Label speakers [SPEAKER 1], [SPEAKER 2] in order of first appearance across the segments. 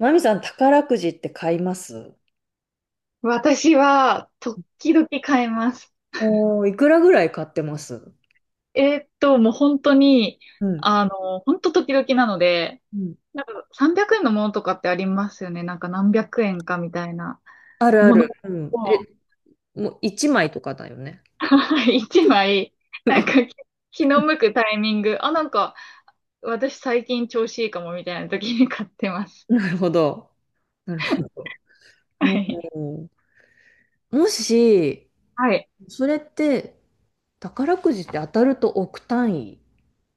[SPEAKER 1] マミさん、宝くじって買います
[SPEAKER 2] 私は、時々変えます。
[SPEAKER 1] おおー、いくらぐらい買ってます
[SPEAKER 2] もう本当に、
[SPEAKER 1] うん。
[SPEAKER 2] 本当時々なので、
[SPEAKER 1] うん。
[SPEAKER 2] なんか300円のものとかってありますよね。なんか何百円かみたいな
[SPEAKER 1] あるあ
[SPEAKER 2] も
[SPEAKER 1] る。
[SPEAKER 2] の
[SPEAKER 1] うん。
[SPEAKER 2] を、
[SPEAKER 1] え、もう1枚とかだよね。
[SPEAKER 2] 一枚、なんか気の向くタイミング、あ、なんか私最近調子いいかもみたいな時に買ってま す。
[SPEAKER 1] なるほど。なるほど。
[SPEAKER 2] は
[SPEAKER 1] お
[SPEAKER 2] い。
[SPEAKER 1] ー、もし、
[SPEAKER 2] はい。
[SPEAKER 1] それって、宝くじって当たると億単位。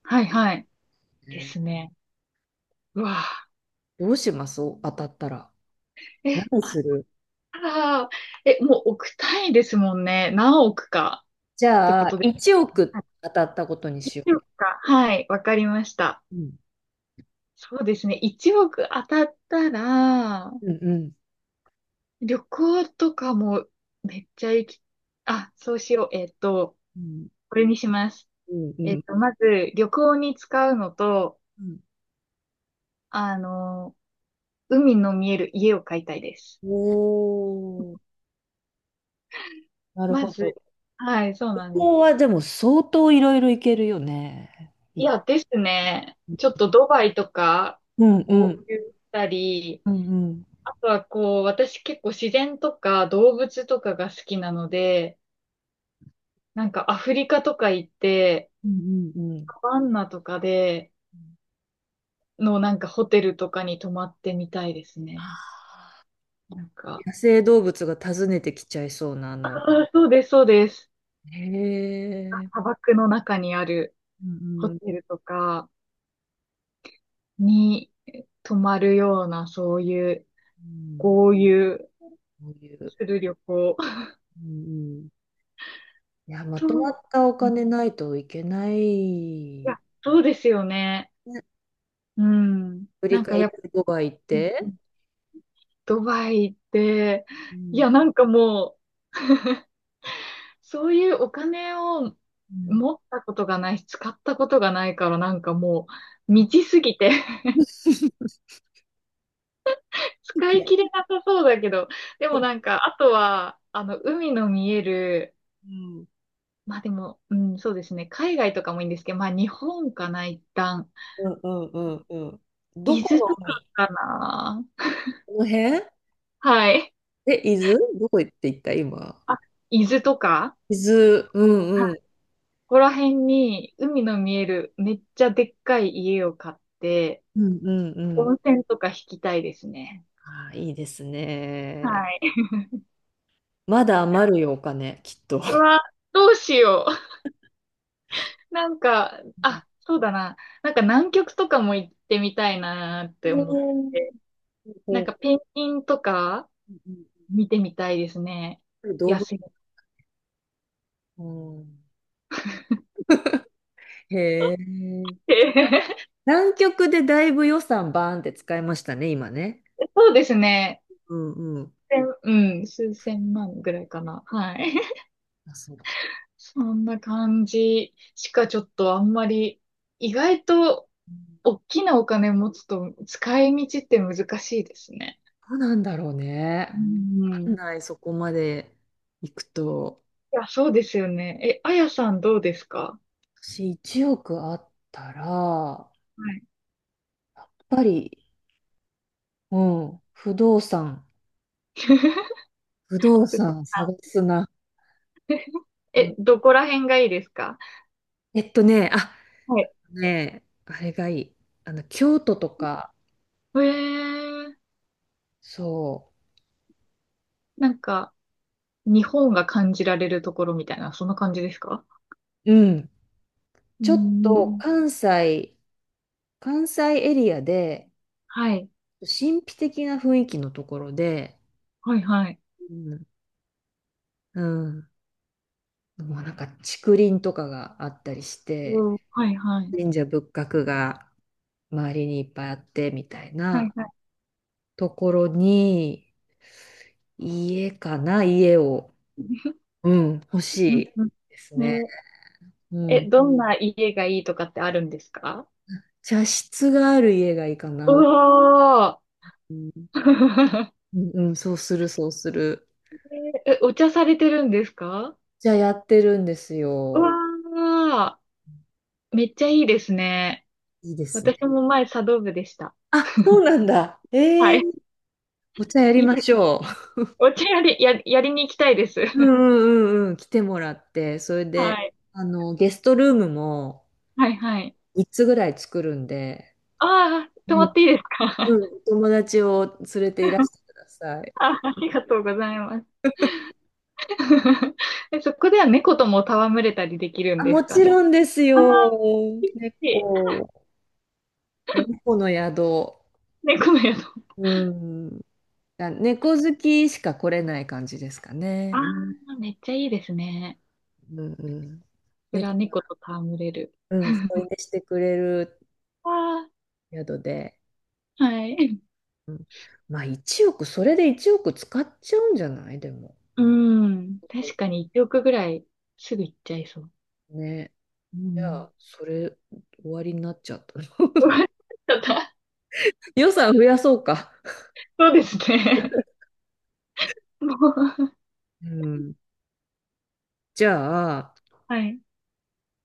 [SPEAKER 2] はい、はい。
[SPEAKER 1] ね。
[SPEAKER 2] ですね。うわぁ。
[SPEAKER 1] どうします、当たったら。
[SPEAKER 2] え、
[SPEAKER 1] 何
[SPEAKER 2] あっ
[SPEAKER 1] する？
[SPEAKER 2] たら、もう億単位ですもんね。何億か
[SPEAKER 1] じ
[SPEAKER 2] って
[SPEAKER 1] ゃ
[SPEAKER 2] こ
[SPEAKER 1] あ、
[SPEAKER 2] とです。
[SPEAKER 1] 1
[SPEAKER 2] あ、
[SPEAKER 1] 億当たったことにしよ
[SPEAKER 2] 1億か。はい、わかりました。
[SPEAKER 1] う。うん。
[SPEAKER 2] そうですね。1億当たったら、
[SPEAKER 1] うんうん。
[SPEAKER 2] 旅行とかもめっちゃ行き、あ、そうしよう。
[SPEAKER 1] うん
[SPEAKER 2] これにします。
[SPEAKER 1] うんうん。
[SPEAKER 2] まず、旅行に使うのと、
[SPEAKER 1] うん。
[SPEAKER 2] あの、海の見える家を買いたいです。
[SPEAKER 1] おー、なる
[SPEAKER 2] ま
[SPEAKER 1] ほ
[SPEAKER 2] ず、
[SPEAKER 1] ど。
[SPEAKER 2] はい、そう
[SPEAKER 1] こ
[SPEAKER 2] なんです。
[SPEAKER 1] こはでも相当いろいろいけるよね。い
[SPEAKER 2] いや、ですね。ちょっとドバイとか、
[SPEAKER 1] うん
[SPEAKER 2] 合
[SPEAKER 1] うん。
[SPEAKER 2] 流したり、
[SPEAKER 1] うんうん。
[SPEAKER 2] あとはこう、私結構自然とか動物とかが好きなので、なんかアフリカとか行って、
[SPEAKER 1] うんうんうん。
[SPEAKER 2] サバンナとかでのなんかホテルとかに泊まってみたいですね。なんか、
[SPEAKER 1] 野生動物が訪ねてきちゃいそうな、
[SPEAKER 2] あーそうです、そうです。
[SPEAKER 1] へえ。
[SPEAKER 2] 砂漠の中にある
[SPEAKER 1] うん
[SPEAKER 2] ホ
[SPEAKER 1] う
[SPEAKER 2] テ
[SPEAKER 1] ん
[SPEAKER 2] ルとかに泊まるような、そういう
[SPEAKER 1] うん。
[SPEAKER 2] 豪遊
[SPEAKER 1] そういう。
[SPEAKER 2] する旅行。
[SPEAKER 1] うんうん。いや、ま
[SPEAKER 2] と、
[SPEAKER 1] とまったお
[SPEAKER 2] うん、い
[SPEAKER 1] 金ないといけない。
[SPEAKER 2] や、そうですよね。
[SPEAKER 1] ね。
[SPEAKER 2] うん。
[SPEAKER 1] 振り
[SPEAKER 2] なんか
[SPEAKER 1] 返
[SPEAKER 2] や
[SPEAKER 1] り
[SPEAKER 2] っぱ、
[SPEAKER 1] ドバイ行って。
[SPEAKER 2] ドバイって、
[SPEAKER 1] う
[SPEAKER 2] い
[SPEAKER 1] ん。
[SPEAKER 2] や、なんかもう、そういうお金を
[SPEAKER 1] うん。
[SPEAKER 2] 持ったことがないし、使ったことがないからなんかもう、未知すぎて 使い
[SPEAKER 1] ね。
[SPEAKER 2] 切れなさそうだけど、でもなんか、あとは、海の見える、
[SPEAKER 1] うん。
[SPEAKER 2] まあでも、うん、そうですね、海外とかもいいんですけど、まあ日本かな、一旦。
[SPEAKER 1] うんうんうんうん。ど
[SPEAKER 2] 伊
[SPEAKER 1] こ
[SPEAKER 2] 豆
[SPEAKER 1] の
[SPEAKER 2] とか
[SPEAKER 1] 海？
[SPEAKER 2] かな。
[SPEAKER 1] この辺？
[SPEAKER 2] はい。
[SPEAKER 1] え、伊豆どこ行って行った今。
[SPEAKER 2] あ、伊豆とか、
[SPEAKER 1] 水、う
[SPEAKER 2] はい、
[SPEAKER 1] んうん。
[SPEAKER 2] ここら辺に海の見えるめっちゃでっかい家を買って、
[SPEAKER 1] うんうんうん。
[SPEAKER 2] 温泉とか引きたいですね。
[SPEAKER 1] ああ、いいですね。
[SPEAKER 2] はい。
[SPEAKER 1] まだ余るよ、お金、きっと。
[SPEAKER 2] うわ、どうしよう。なんか、あ、そうだな。なんか南極とかも行ってみたいなって
[SPEAKER 1] う
[SPEAKER 2] 思っ
[SPEAKER 1] ん
[SPEAKER 2] て。
[SPEAKER 1] う
[SPEAKER 2] な
[SPEAKER 1] ん
[SPEAKER 2] ん
[SPEAKER 1] う
[SPEAKER 2] かペンギンとか見てみたいですね。
[SPEAKER 1] ん。動
[SPEAKER 2] 野
[SPEAKER 1] 物、
[SPEAKER 2] 生っ
[SPEAKER 1] うん。へえ。
[SPEAKER 2] て。
[SPEAKER 1] 南極でだいぶ予算バーンって使いましたね、今ね。
[SPEAKER 2] そうですね。
[SPEAKER 1] うんうん。
[SPEAKER 2] うん、数千万ぐらいかな。はい。
[SPEAKER 1] あ、そう。
[SPEAKER 2] そんな感じしかちょっとあんまり、意外と
[SPEAKER 1] うん。
[SPEAKER 2] 大きなお金持つと使い道って難しいですね。
[SPEAKER 1] どうなんだろう
[SPEAKER 2] う
[SPEAKER 1] ね。わ
[SPEAKER 2] ん。
[SPEAKER 1] かん
[SPEAKER 2] い
[SPEAKER 1] ない、そこまで行くと。
[SPEAKER 2] や、そうですよね。え、あやさんどうですか？
[SPEAKER 1] 私、1億あったら、やっ
[SPEAKER 2] はい。
[SPEAKER 1] ぱり、うん、不動産。不動産探
[SPEAKER 2] あ、
[SPEAKER 1] すな。うん。
[SPEAKER 2] え、どこら辺がいいですか？
[SPEAKER 1] えっとね、あ、
[SPEAKER 2] はい。
[SPEAKER 1] ね、あれがいい。あの、京都とか、
[SPEAKER 2] えー、
[SPEAKER 1] そ
[SPEAKER 2] なんか、日本が感じられるところみたいな、そんな感じですか？
[SPEAKER 1] う、うん。
[SPEAKER 2] うー
[SPEAKER 1] ちょっと
[SPEAKER 2] ん。
[SPEAKER 1] 関西、関西エリアで、
[SPEAKER 2] はい。
[SPEAKER 1] 神秘的な雰囲気のところで、
[SPEAKER 2] はいはい。
[SPEAKER 1] うん、うん。もうなんか竹林とかがあったりして、
[SPEAKER 2] おー、はいはい。
[SPEAKER 1] 神社仏閣が周りにいっぱいあって、みたい
[SPEAKER 2] はい
[SPEAKER 1] な
[SPEAKER 2] はい。
[SPEAKER 1] ところに、家かな、家を、うん、欲し
[SPEAKER 2] うん
[SPEAKER 1] い
[SPEAKER 2] うん。
[SPEAKER 1] ですね。
[SPEAKER 2] ね、
[SPEAKER 1] う
[SPEAKER 2] え、
[SPEAKER 1] ん。
[SPEAKER 2] どんん。な家がいいとかってあるんですか？
[SPEAKER 1] 茶室がある家がいいか
[SPEAKER 2] う
[SPEAKER 1] な。
[SPEAKER 2] わ
[SPEAKER 1] うん、
[SPEAKER 2] ー。
[SPEAKER 1] うん。そうする、そうする。
[SPEAKER 2] え、えお茶されてるんですか？
[SPEAKER 1] じゃあやってるんです
[SPEAKER 2] う
[SPEAKER 1] よ。
[SPEAKER 2] わー、めっちゃいいですね。
[SPEAKER 1] いいですね。
[SPEAKER 2] 私も前茶道部でした。
[SPEAKER 1] あ、そうなんだ。え
[SPEAKER 2] はい。
[SPEAKER 1] ー、お茶やりましょ
[SPEAKER 2] お茶やりに行きたいです。
[SPEAKER 1] う。う んうんうんうん。来てもらって、それ
[SPEAKER 2] は
[SPEAKER 1] で、
[SPEAKER 2] い。
[SPEAKER 1] あの、ゲストルームも
[SPEAKER 2] はいはい。
[SPEAKER 1] 3つぐらい作るんで、
[SPEAKER 2] ああ、泊ま
[SPEAKER 1] う
[SPEAKER 2] っ
[SPEAKER 1] ん、
[SPEAKER 2] ていいですか？
[SPEAKER 1] うん。お友達を連れていら してください。
[SPEAKER 2] あ、ありがとうございます。え、そこでは猫とも戯れたりできるん
[SPEAKER 1] あ、
[SPEAKER 2] で
[SPEAKER 1] も
[SPEAKER 2] すか？
[SPEAKER 1] ちろんです
[SPEAKER 2] ああ
[SPEAKER 1] よ。
[SPEAKER 2] ー、いい、いい、
[SPEAKER 1] 猫、猫の宿。
[SPEAKER 2] 猫の宿。
[SPEAKER 1] うん。あ、猫好きしか来れない感じですか
[SPEAKER 2] あ
[SPEAKER 1] ね。
[SPEAKER 2] あ、めっちゃいいですね。
[SPEAKER 1] うんうん。
[SPEAKER 2] それ
[SPEAKER 1] 猫
[SPEAKER 2] は猫
[SPEAKER 1] が、
[SPEAKER 2] と戯れる。
[SPEAKER 1] うん、添い寝してくれる
[SPEAKER 2] あ
[SPEAKER 1] 宿で。
[SPEAKER 2] あ、はい。
[SPEAKER 1] うん、まあ1億、それで1億使っちゃうんじゃないでも。
[SPEAKER 2] うん。確かに1億ぐらいすぐ行っちゃいそう。
[SPEAKER 1] ね。
[SPEAKER 2] う
[SPEAKER 1] じゃ
[SPEAKER 2] ん。
[SPEAKER 1] あ、それ終わりになっちゃった。
[SPEAKER 2] 終 わっちゃった。
[SPEAKER 1] 予算増やそうか。
[SPEAKER 2] そうですね。もう、
[SPEAKER 1] うん。じゃあ、
[SPEAKER 2] はい。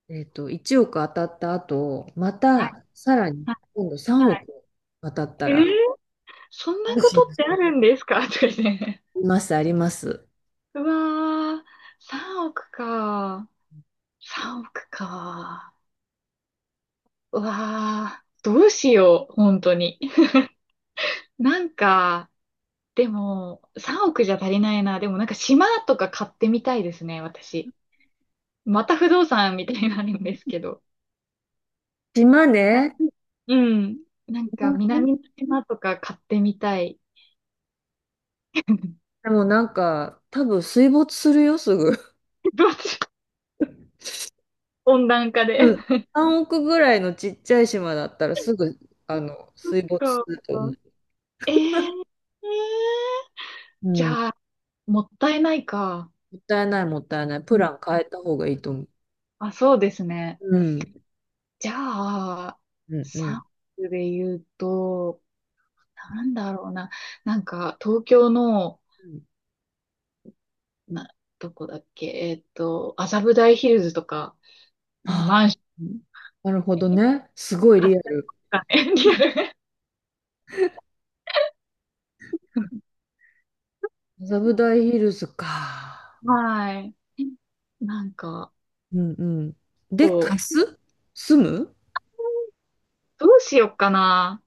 [SPEAKER 1] 1億当たった後、ま
[SPEAKER 2] はい。
[SPEAKER 1] たさらに
[SPEAKER 2] は
[SPEAKER 1] 今度
[SPEAKER 2] い。は
[SPEAKER 1] 3億
[SPEAKER 2] い。
[SPEAKER 1] 当たった
[SPEAKER 2] えー、
[SPEAKER 1] ら、
[SPEAKER 2] そん
[SPEAKER 1] ど
[SPEAKER 2] な
[SPEAKER 1] う
[SPEAKER 2] こ
[SPEAKER 1] し
[SPEAKER 2] と
[SPEAKER 1] ま
[SPEAKER 2] っ
[SPEAKER 1] す？
[SPEAKER 2] てあるんですか？ とかって。
[SPEAKER 1] あります、あります。
[SPEAKER 2] うわー、3億か。3億か。うわー、どうしよう、本当に。なんか、でも、3億じゃ足りないな。でもなんか島とか買ってみたいですね、私。また不動産みたいになるんですけど。
[SPEAKER 1] 島
[SPEAKER 2] あ、
[SPEAKER 1] 根、
[SPEAKER 2] うん。なんか南の島とか買ってみたい。
[SPEAKER 1] でもなんか、多分水没するよ、すぐ。
[SPEAKER 2] どうしよう、温暖化
[SPEAKER 1] う
[SPEAKER 2] で。
[SPEAKER 1] ん。3億ぐらいのちっちゃい島だったらすぐ、あ の、
[SPEAKER 2] そっ
[SPEAKER 1] 水没す
[SPEAKER 2] か。
[SPEAKER 1] ると思う。
[SPEAKER 2] えー、
[SPEAKER 1] う
[SPEAKER 2] じ
[SPEAKER 1] ん。も
[SPEAKER 2] ゃあ、もったいないか。
[SPEAKER 1] ったいない、もったいない。
[SPEAKER 2] う
[SPEAKER 1] プ
[SPEAKER 2] ん、
[SPEAKER 1] ラン変えた方がいいと思う。
[SPEAKER 2] あ、そうですね。
[SPEAKER 1] うん。
[SPEAKER 2] じゃあ、
[SPEAKER 1] うん、う
[SPEAKER 2] 3
[SPEAKER 1] ん。
[SPEAKER 2] 区で言うと、なんだろうな。なんか、東京の、
[SPEAKER 1] うん。
[SPEAKER 2] な、どこだっけ、麻布台ヒルズとかのマ
[SPEAKER 1] あ、
[SPEAKER 2] ンション
[SPEAKER 1] なるほどね。すごい
[SPEAKER 2] 買
[SPEAKER 1] リ
[SPEAKER 2] っ
[SPEAKER 1] アル。
[SPEAKER 2] たりとかね。
[SPEAKER 1] 麻布台ヒルズか。
[SPEAKER 2] はい。なんか、
[SPEAKER 1] うんうん。で、貸
[SPEAKER 2] こう、
[SPEAKER 1] す？住む？
[SPEAKER 2] どうしようかな。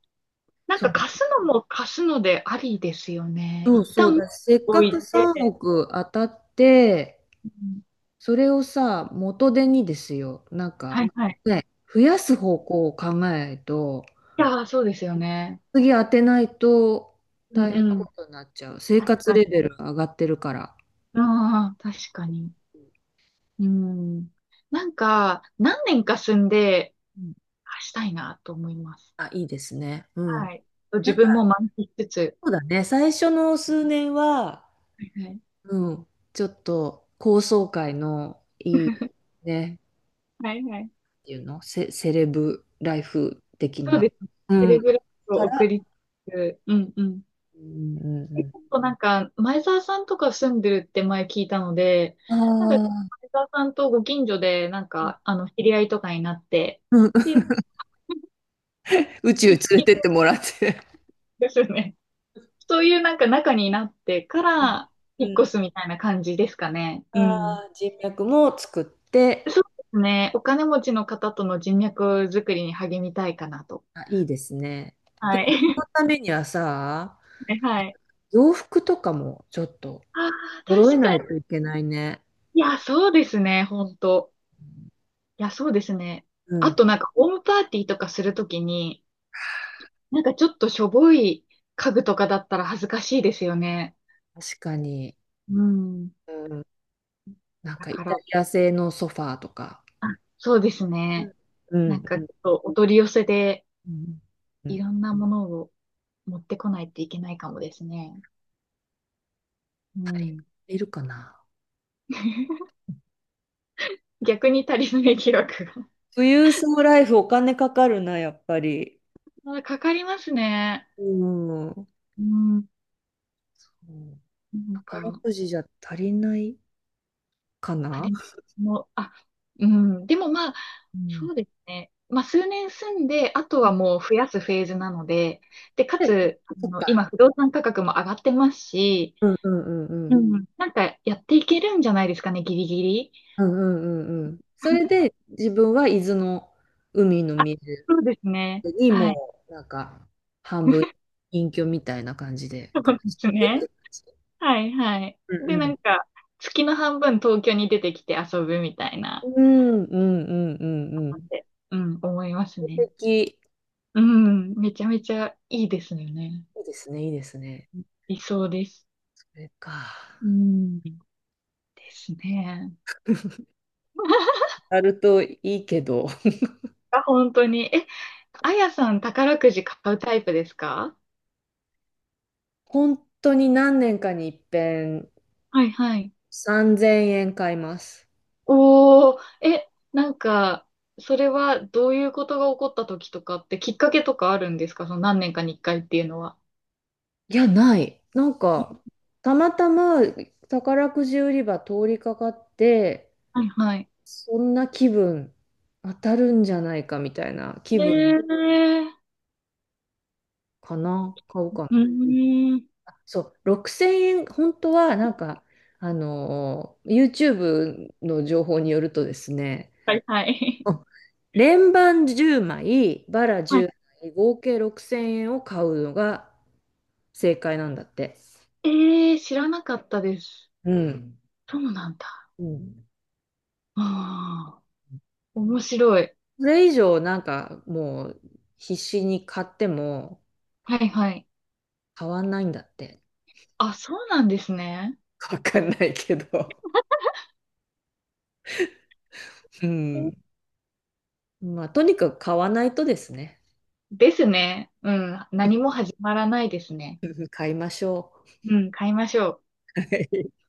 [SPEAKER 2] なん
[SPEAKER 1] そ
[SPEAKER 2] か
[SPEAKER 1] うだ。
[SPEAKER 2] 貸すのも貸すのでありですよね。
[SPEAKER 1] そ
[SPEAKER 2] 一
[SPEAKER 1] うそう
[SPEAKER 2] 旦持っ
[SPEAKER 1] だ。
[SPEAKER 2] て
[SPEAKER 1] せっ
[SPEAKER 2] お
[SPEAKER 1] かく
[SPEAKER 2] い
[SPEAKER 1] 3
[SPEAKER 2] て、
[SPEAKER 1] 億当たって、
[SPEAKER 2] うん、
[SPEAKER 1] それをさ、元手にですよ、なん
[SPEAKER 2] は
[SPEAKER 1] か、
[SPEAKER 2] いはい。
[SPEAKER 1] ね、増やす方向を考えないと、
[SPEAKER 2] いやー、そうですよね。
[SPEAKER 1] 次当てないと
[SPEAKER 2] うん
[SPEAKER 1] 大変
[SPEAKER 2] う
[SPEAKER 1] な
[SPEAKER 2] ん。
[SPEAKER 1] ことになっちゃう。生
[SPEAKER 2] 確
[SPEAKER 1] 活
[SPEAKER 2] かに。
[SPEAKER 1] レベルが上がってるから。
[SPEAKER 2] ああ、確かに。うん。なんか、何年か住んで、
[SPEAKER 1] うん。
[SPEAKER 2] あしたいなと思います。
[SPEAKER 1] あ、いいですね。うん。
[SPEAKER 2] はい。自
[SPEAKER 1] なんか、
[SPEAKER 2] 分も満喫しつつ。
[SPEAKER 1] そうだね。最初の数年は、
[SPEAKER 2] はいはい。
[SPEAKER 1] うん、ちょっと高層階のいい、ね、
[SPEAKER 2] はいはい。
[SPEAKER 1] っていうの、セ、セレブライフ的
[SPEAKER 2] そう
[SPEAKER 1] な。
[SPEAKER 2] ですね。
[SPEAKER 1] う
[SPEAKER 2] テ
[SPEAKER 1] ん。
[SPEAKER 2] レグラフを
[SPEAKER 1] か
[SPEAKER 2] 送
[SPEAKER 1] ら、
[SPEAKER 2] りつつ。うんうん。
[SPEAKER 1] うんう
[SPEAKER 2] 結
[SPEAKER 1] ん
[SPEAKER 2] 構なんか、前澤さんとか住んでるって前聞いたので、
[SPEAKER 1] う
[SPEAKER 2] なんか、
[SPEAKER 1] ん。ああ、
[SPEAKER 2] 前澤さんとご近所で、なんか、知り合いとかになって、
[SPEAKER 1] うん。
[SPEAKER 2] ってい う、
[SPEAKER 1] 宇宙連れてってもらって。
[SPEAKER 2] ですよね。そういうなんか中になってか
[SPEAKER 1] う
[SPEAKER 2] ら引
[SPEAKER 1] ん。
[SPEAKER 2] っ
[SPEAKER 1] うん。
[SPEAKER 2] 越すみたいな感じですかね。うん。
[SPEAKER 1] あー、人脈も作って、
[SPEAKER 2] そうですね。お金持ちの方との人脈作りに励みたいかなと。
[SPEAKER 1] あ、いいですね。で
[SPEAKER 2] は
[SPEAKER 1] も、そ
[SPEAKER 2] い。
[SPEAKER 1] の ためにはさ、
[SPEAKER 2] ね、はい。
[SPEAKER 1] 洋服とかもちょっと
[SPEAKER 2] ああ、
[SPEAKER 1] 揃え
[SPEAKER 2] 確か
[SPEAKER 1] ない
[SPEAKER 2] に。
[SPEAKER 1] といけないね。
[SPEAKER 2] いや、そうですね。本当。いや、そうですね。
[SPEAKER 1] う
[SPEAKER 2] あ
[SPEAKER 1] ん、確
[SPEAKER 2] となんかホームパーティーとかするときに、なんかちょっとしょぼい家具とかだったら恥ずかしいですよね。
[SPEAKER 1] かに。
[SPEAKER 2] うん。
[SPEAKER 1] うん、なん
[SPEAKER 2] だ
[SPEAKER 1] かイ
[SPEAKER 2] か
[SPEAKER 1] タ
[SPEAKER 2] ら、
[SPEAKER 1] リア製のソファーとか。
[SPEAKER 2] あ、そうです
[SPEAKER 1] う
[SPEAKER 2] ね。
[SPEAKER 1] んう
[SPEAKER 2] な
[SPEAKER 1] ん
[SPEAKER 2] ん
[SPEAKER 1] う
[SPEAKER 2] かち
[SPEAKER 1] ん
[SPEAKER 2] ょっとお取り寄せで
[SPEAKER 1] うん。う
[SPEAKER 2] い
[SPEAKER 1] ん。
[SPEAKER 2] ろんなものを持ってこないといけないかもですね。うん。
[SPEAKER 1] いるかな。
[SPEAKER 2] 逆に足りない記録
[SPEAKER 1] 富裕層ライフお金かかるな、やっぱり。
[SPEAKER 2] が。かかりますね。
[SPEAKER 1] うん。う
[SPEAKER 2] うん。
[SPEAKER 1] ん。
[SPEAKER 2] なん
[SPEAKER 1] 宝
[SPEAKER 2] か、
[SPEAKER 1] くじじゃ足りないか
[SPEAKER 2] 足
[SPEAKER 1] な。
[SPEAKER 2] りもあ、うん。でもまあ、
[SPEAKER 1] うん。
[SPEAKER 2] そうですね。まあ、数年住んで、あとはもう増やすフェーズなので、で、か
[SPEAKER 1] で、
[SPEAKER 2] つ、
[SPEAKER 1] そっか。
[SPEAKER 2] 今、不動産価格も上がってますし、
[SPEAKER 1] うんうんうんう
[SPEAKER 2] う
[SPEAKER 1] ん。
[SPEAKER 2] ん。なんか、やっていけるんじゃないですかね、ギリギリ。
[SPEAKER 1] うんうんうんうん。それ で自分は伊豆の海の
[SPEAKER 2] あ、
[SPEAKER 1] 水
[SPEAKER 2] そうですね。
[SPEAKER 1] に
[SPEAKER 2] はい。
[SPEAKER 1] もうなんか半分 隠居みたいな感じで
[SPEAKER 2] そう
[SPEAKER 1] 暮
[SPEAKER 2] で
[SPEAKER 1] らして
[SPEAKER 2] す
[SPEAKER 1] いくって
[SPEAKER 2] ね。
[SPEAKER 1] 感じ。
[SPEAKER 2] はいはい。
[SPEAKER 1] うん
[SPEAKER 2] で、な
[SPEAKER 1] う
[SPEAKER 2] ん
[SPEAKER 1] ん。
[SPEAKER 2] か、月の半分東京に出てきて遊ぶみたい
[SPEAKER 1] う
[SPEAKER 2] な、
[SPEAKER 1] んうんうんうんう
[SPEAKER 2] っ
[SPEAKER 1] ん。
[SPEAKER 2] て、うん、思います
[SPEAKER 1] 素
[SPEAKER 2] ね。
[SPEAKER 1] 敵。
[SPEAKER 2] うん、めちゃめちゃいいですよね。
[SPEAKER 1] いいですね、いいですね。
[SPEAKER 2] 理想です。
[SPEAKER 1] それか。
[SPEAKER 2] うん、ですね。
[SPEAKER 1] あるといいけど、
[SPEAKER 2] あ、本当に。え、あやさん宝くじ買うタイプですか？
[SPEAKER 1] 本当に何年かに一遍
[SPEAKER 2] はいはい。
[SPEAKER 1] 3000円買います。
[SPEAKER 2] おー、え、なんか、それはどういうことが起こった時とかってきっかけとかあるんですか？その何年かに一回っていうのは。
[SPEAKER 1] いや、ない。なんか、たまたま宝くじ売り場通りかかって、
[SPEAKER 2] はいはい。
[SPEAKER 1] そんな気分、当たるんじゃないかみたいな気
[SPEAKER 2] え
[SPEAKER 1] 分
[SPEAKER 2] ー、
[SPEAKER 1] かな、買うか
[SPEAKER 2] う
[SPEAKER 1] な。
[SPEAKER 2] ーん。
[SPEAKER 1] あそう、6000円、本当はなんか、YouTube の情報によるとですね、
[SPEAKER 2] はい、はい。
[SPEAKER 1] 連番10枚、バラ
[SPEAKER 2] は
[SPEAKER 1] 10
[SPEAKER 2] い。
[SPEAKER 1] 枚、合計6000円を買うのが正解なんだって。
[SPEAKER 2] ええー、知らなかったです。
[SPEAKER 1] うん。
[SPEAKER 2] そうなんだ。
[SPEAKER 1] うん。
[SPEAKER 2] ああ、面白い。
[SPEAKER 1] それ以上なんかもう必死に買っても
[SPEAKER 2] はい、はい。
[SPEAKER 1] 買わないんだって。
[SPEAKER 2] あ、そうなんですね。
[SPEAKER 1] わかんないけど。うん。まあとにかく買わないとですね。
[SPEAKER 2] ですね。うん。何も始まらないですね。
[SPEAKER 1] 買いましょ
[SPEAKER 2] うん、買いましょう。
[SPEAKER 1] う。はい。